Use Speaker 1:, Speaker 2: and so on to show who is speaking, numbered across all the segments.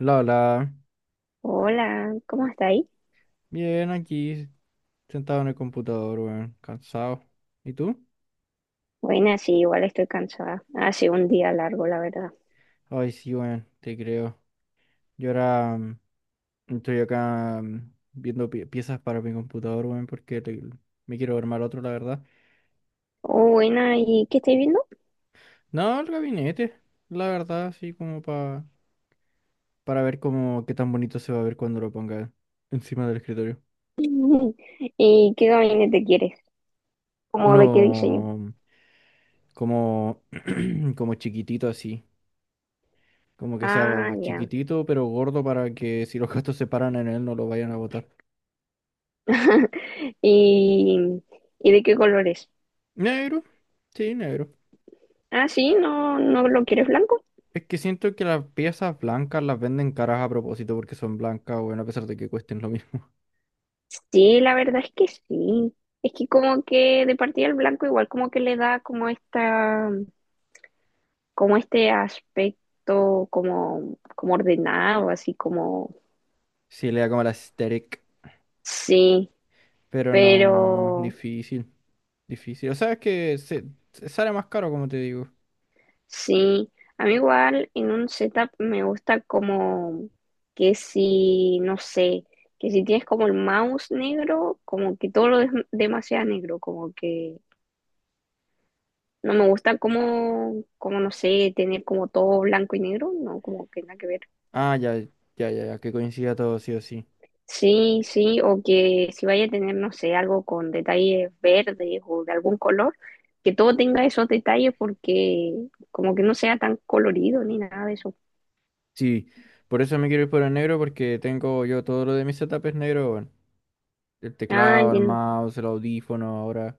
Speaker 1: La, la.
Speaker 2: Hola, ¿cómo está ahí?
Speaker 1: Bien, aquí, sentado en el computador, weón. Cansado. ¿Y tú?
Speaker 2: Buena, sí, igual estoy cansada. Ha sido un día largo, la verdad.
Speaker 1: Ay, sí, weón, te creo. Yo ahora, estoy acá, viendo piezas para mi computador, weón, porque me quiero armar otro, la verdad.
Speaker 2: Oh, buena, ¿y qué estáis viendo?
Speaker 1: No, el gabinete, la verdad, sí, como pa, para ver cómo, qué tan bonito se va a ver cuando lo ponga encima del escritorio.
Speaker 2: ¿Y qué gabinete quieres? ¿Cómo de qué diseño?
Speaker 1: Uno, como, como chiquitito así. Como que sea
Speaker 2: Ah, ya.
Speaker 1: chiquitito pero gordo para que si los gatos se paran en él no lo vayan a botar.
Speaker 2: ¿Y, y de qué colores?
Speaker 1: Negro, sí, negro.
Speaker 2: Ah, sí, ¿no lo quieres blanco?
Speaker 1: Es que siento que las piezas blancas las venden caras a propósito porque son blancas, bueno, a pesar de que cuesten lo mismo.
Speaker 2: Sí, la verdad es que sí. Es que como que de partida el blanco igual como que le da como esta, como este aspecto como, como ordenado, así como.
Speaker 1: Sí, le da como la aesthetic,
Speaker 2: Sí,
Speaker 1: pero no,
Speaker 2: pero
Speaker 1: difícil, difícil. O sea, es que se sale más caro, como te digo.
Speaker 2: sí, a mí igual en un setup me gusta como que si, no sé, que si tienes como el mouse negro, como que todo lo es demasiado negro, como que no me gusta como, como no sé, tener como todo blanco y negro, no, como que nada que ver.
Speaker 1: Ah, ya, ya, ya, ya, que coincida todo, sí o sí.
Speaker 2: Sí, sí, o que si vaya a tener, no sé, algo con detalles verdes o de algún color, que todo tenga esos detalles porque como que no sea tan colorido ni nada de eso.
Speaker 1: Sí, por eso me quiero ir por el negro porque tengo yo, todo lo de mi setup es negro, bueno. El
Speaker 2: Ah,
Speaker 1: teclado, el
Speaker 2: entiendo.
Speaker 1: mouse, el audífono ahora.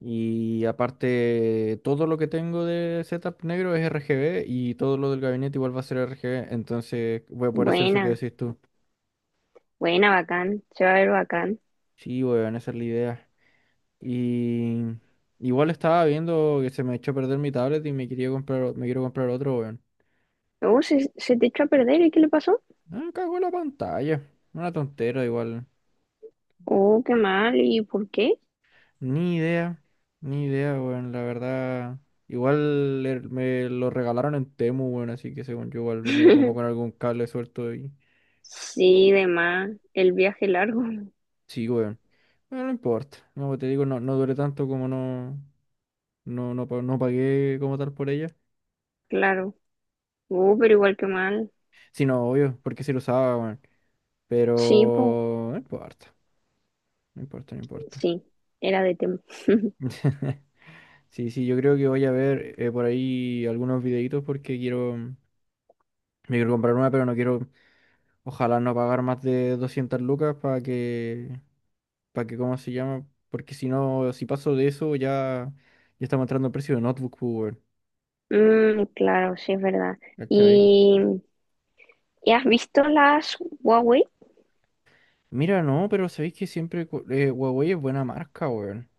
Speaker 1: Y aparte, todo lo que tengo de setup negro es RGB y todo lo del gabinete igual va a ser RGB. Entonces voy a poder hacer eso que
Speaker 2: Buena,
Speaker 1: decís tú.
Speaker 2: buena, bacán, se va a ver bacán.
Speaker 1: Sí, weón, esa es la idea. Y igual estaba viendo que se me echó a perder mi tablet y me quería comprar, me quiero comprar otro, weón.
Speaker 2: Oh, se te echó a perder, ¿y qué le pasó?
Speaker 1: Ah, cago en la pantalla. Una tontera igual.
Speaker 2: Oh, qué mal, ¿y por qué?
Speaker 1: Ni idea, ni idea, weón, la verdad. Igual me lo regalaron en Temu, weón, así que según yo igual venía como con algún cable suelto y...
Speaker 2: Sí, de más, el viaje largo.
Speaker 1: Sí, weón. Bueno, no importa. Como te digo, no, no duré tanto como no, no, no, no pagué como tal por ella.
Speaker 2: claro. Oh, pero igual que mal.
Speaker 1: Sí, no, obvio, porque sí lo usaba, weón.
Speaker 2: Sí, po,
Speaker 1: Pero no importa, no importa, no importa.
Speaker 2: sí, era de tema.
Speaker 1: Sí, sí, yo creo que voy a ver, por ahí algunos videitos porque quiero... Me quiero comprar una, pero no quiero... Ojalá no pagar más de 200 lucas para que, ¿cómo se llama? Porque si no, si paso de eso, ya, ya estamos entrando al precio de notebook, pues, weón.
Speaker 2: Mm, claro, sí, es verdad.
Speaker 1: ¿Cachai?
Speaker 2: ¿Y, ¿y has visto las Huawei?
Speaker 1: Mira, no, pero sabéis que siempre Huawei es buena marca, weón.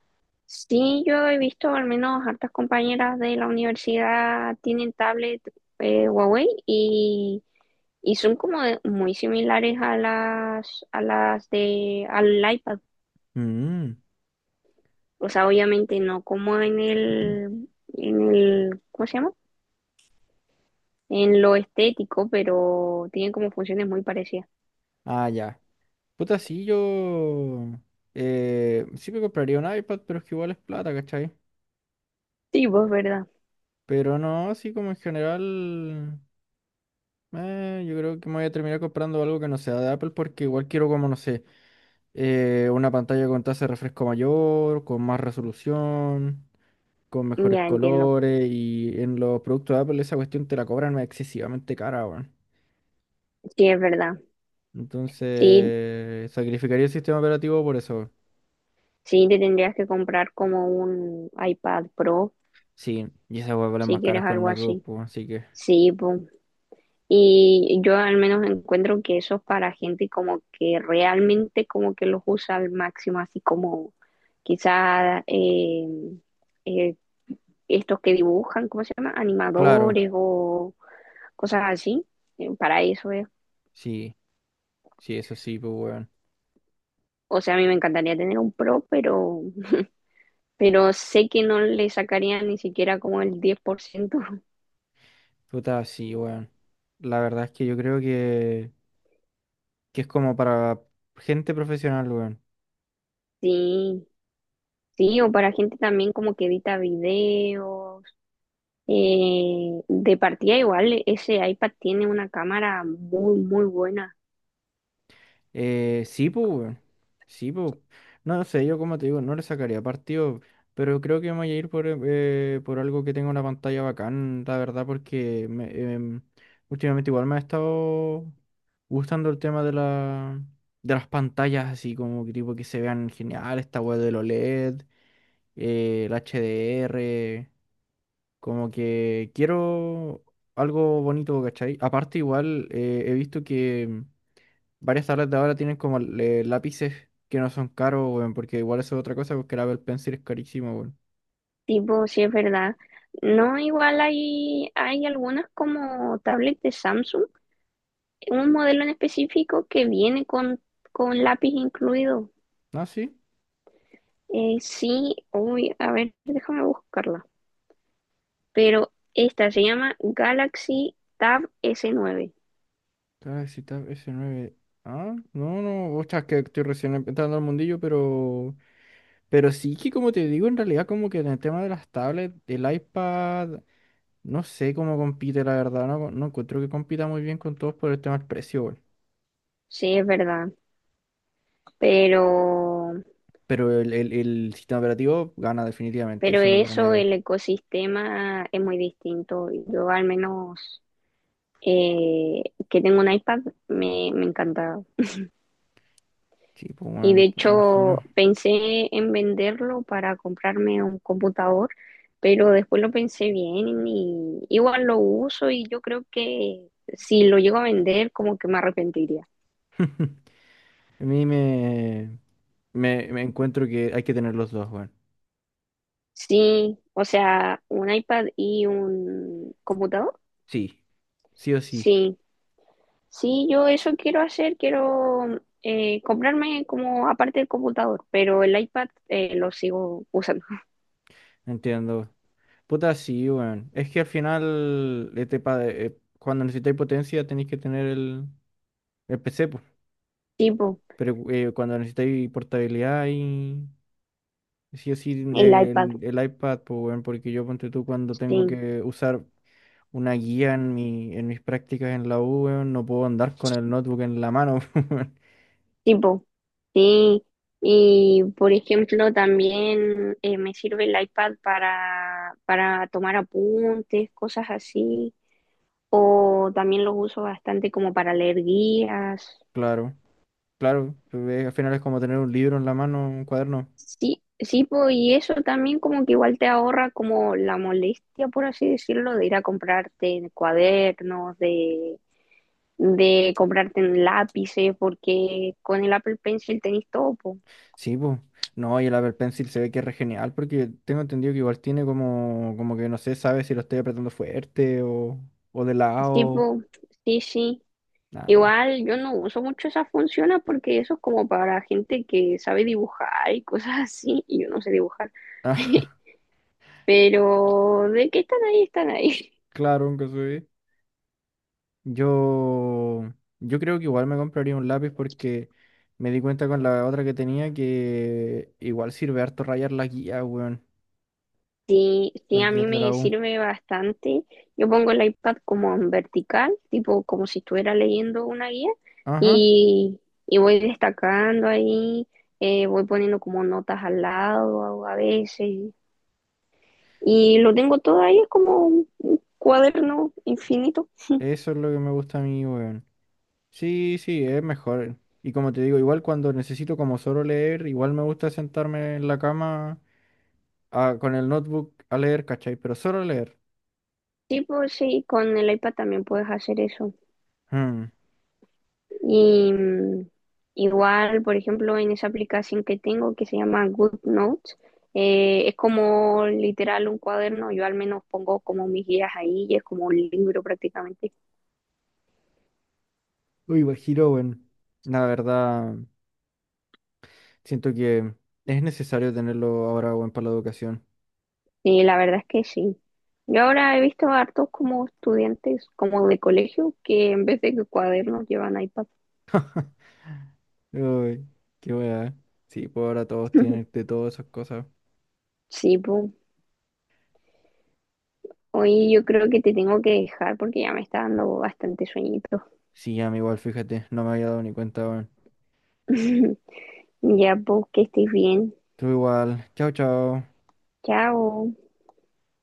Speaker 2: Sí, yo he visto al menos hartas compañeras de la universidad tienen tablet Huawei y… Y son como muy similares a las de, al iPad.
Speaker 1: Mm.
Speaker 2: O sea, obviamente no como en el, ¿cómo se llama? En lo estético, pero tienen como funciones muy parecidas.
Speaker 1: Ah, ya. Puta, sí, yo. Sí me compraría un iPad, pero es que igual es plata, ¿cachai?
Speaker 2: Sí, pues verdad.
Speaker 1: Pero no, así como en general. Yo creo que me voy a terminar comprando algo que no sea de Apple, porque igual quiero, como no sé. Una pantalla con tasa de refresco mayor, con más resolución, con mejores
Speaker 2: Ya entiendo.
Speaker 1: colores, y en los productos de Apple esa cuestión te la cobran excesivamente cara, weón.
Speaker 2: Sí, es verdad. Sí,
Speaker 1: Entonces, sacrificaría el sistema operativo por eso. Weón.
Speaker 2: sí, te tendrías que comprar como un iPad Pro
Speaker 1: Sí, y esas weas valen
Speaker 2: si
Speaker 1: más caras
Speaker 2: quieres
Speaker 1: que un
Speaker 2: algo
Speaker 1: notebook,
Speaker 2: así.
Speaker 1: pues, así que,
Speaker 2: Sí, pues. Y yo al menos encuentro que eso es para gente como que realmente como que los usa al máximo, así como quizá eh, estos que dibujan, ¿cómo se llama?
Speaker 1: claro,
Speaker 2: Animadores o cosas así. Para eso es.
Speaker 1: sí, sí, eso sí, pues, weón.
Speaker 2: O sea, a mí me encantaría tener un pro, pero sé que no le sacaría ni siquiera como el 10%.
Speaker 1: Puta, sí, weón. La verdad es que yo creo que es como para gente profesional, weón.
Speaker 2: Sí, sí, o para gente también como que edita videos. De partida igual, ese iPad tiene una cámara muy, muy buena.
Speaker 1: Sí, pues, weón. Sí, pues. No, no sé, yo como te digo, no le sacaría partido, pero creo que me voy a ir por algo que tenga una pantalla bacán, la verdad, porque me, em, últimamente igual me ha estado gustando el tema de la, de las pantallas, así como que tipo que se vean genial, esta web del OLED, el HDR, como que quiero algo bonito, ¿cachai? Aparte igual, he visto que... Varias tabletas de ahora tienen como, lápices que no son caros, weón, porque igual eso es otra cosa, porque el Apple Pencil es carísimo, weón.
Speaker 2: Tipo, si es verdad. No, igual hay, hay algunas como tablet de Samsung, un modelo en específico que viene con lápiz incluido.
Speaker 1: Ah, sí.
Speaker 2: Sí, uy, a ver, déjame buscarla. Pero esta se llama Galaxy Tab S9.
Speaker 1: Galaxy Tab s nueve. Ah, no, no, ostras, que estoy recién entrando al mundillo, pero. Pero sí que, como te digo, en realidad, como que en el tema de las tablets, el iPad, no sé cómo compite, la verdad, no, no encuentro que compita muy bien con todos por el tema del precio, weón.
Speaker 2: Sí, es verdad. Pero
Speaker 1: Pero el sistema operativo gana definitivamente,
Speaker 2: Pero
Speaker 1: eso no te lo
Speaker 2: eso,
Speaker 1: niego.
Speaker 2: el ecosistema es muy distinto. Yo al menos eh, que tengo un iPad me encanta.
Speaker 1: Sí, pues,
Speaker 2: Y de
Speaker 1: weón, me imagino.
Speaker 2: hecho pensé en venderlo para comprarme un computador, pero después lo pensé bien y igual lo uso y yo creo que si lo llego a vender como que me arrepentiría.
Speaker 1: A mí me, me, me encuentro que hay que tener los dos, weón.
Speaker 2: Sí, o sea, un iPad y un computador.
Speaker 1: Sí, sí o sí,
Speaker 2: Sí, sí, yo eso quiero hacer, quiero comprarme como aparte del computador, pero el iPad lo sigo usando.
Speaker 1: entiendo. Puta, sí, weón. Es que al final, cuando necesitáis potencia tenéis que tener el PC, pues.
Speaker 2: Tipo,
Speaker 1: Pero, cuando necesitáis portabilidad y sí o sí
Speaker 2: el iPad,
Speaker 1: el iPad, pues, weón, porque yo ponte tú cuando tengo
Speaker 2: sí,
Speaker 1: que usar una guía en mi, en mis prácticas en la U, weón, no puedo andar con el notebook en la mano, weón.
Speaker 2: tipo, sí. Y por ejemplo, también me sirve el iPad para tomar apuntes, cosas así, o también lo uso bastante como para leer guías.
Speaker 1: Claro. Claro, pero, al final es como tener un libro en la mano, un cuaderno.
Speaker 2: Sí, sí, po, y eso también como que igual te ahorra como la molestia, por así decirlo, de ir a comprarte cuadernos, de comprarte lápices, porque con el Apple Pencil tenés todo, po.
Speaker 1: Sí, pues. No, y el Apple Pencil se ve que es re genial porque tengo entendido que igual tiene como, como que no sé, sabe si lo estoy apretando fuerte, o de
Speaker 2: Sí,
Speaker 1: lado.
Speaker 2: po, sí, sí.
Speaker 1: Nah.
Speaker 2: Igual yo no uso mucho esas funciones porque eso es como para gente que sabe dibujar y cosas así, y yo no sé dibujar.
Speaker 1: Ah,
Speaker 2: Pero de que están ahí, están ahí.
Speaker 1: claro, aunque se ve. Yo, yo creo que igual me compraría un lápiz porque me di cuenta con la otra que tenía que igual sirve harto rayar la guía, weón.
Speaker 2: Sí, sí,
Speaker 1: La
Speaker 2: a
Speaker 1: guía
Speaker 2: mí
Speaker 1: de la
Speaker 2: me
Speaker 1: U.
Speaker 2: sirve bastante. Yo pongo el iPad como en vertical, tipo como si estuviera leyendo una guía
Speaker 1: Ajá,
Speaker 2: y, y voy destacando ahí, voy poniendo como notas al lado a veces y lo tengo todo ahí, es como un cuaderno infinito.
Speaker 1: eso es lo que me gusta a mí, weón. Sí, sí, es mejor. Y como te digo, igual cuando necesito como solo leer, igual me gusta sentarme en la cama con el notebook a leer, ¿cachai? Pero solo leer.
Speaker 2: Sí, pues sí, con el iPad también puedes hacer eso.
Speaker 1: Hmm.
Speaker 2: Y igual, por ejemplo, en esa aplicación que tengo que se llama Good Notes, es como literal un cuaderno, yo al menos pongo como mis guías ahí y es como un libro prácticamente.
Speaker 1: Uy, Guajiro, weón. La verdad, siento que es necesario tenerlo ahora, weón, para la educación.
Speaker 2: Y la verdad es que sí. Yo ahora he visto a hartos como estudiantes, como de colegio, que en vez de cuadernos llevan iPad.
Speaker 1: Uy, qué weá. Sí, pues ahora todos tienen de todas esas cosas.
Speaker 2: Sí, pues. Hoy yo creo que te tengo que dejar porque ya me está dando bastante sueñito.
Speaker 1: Sí, ya, igual, fíjate, no me había dado ni cuenta, weón.
Speaker 2: Ya, pues, que estés bien.
Speaker 1: Tú igual. Chao, chao.
Speaker 2: Chao.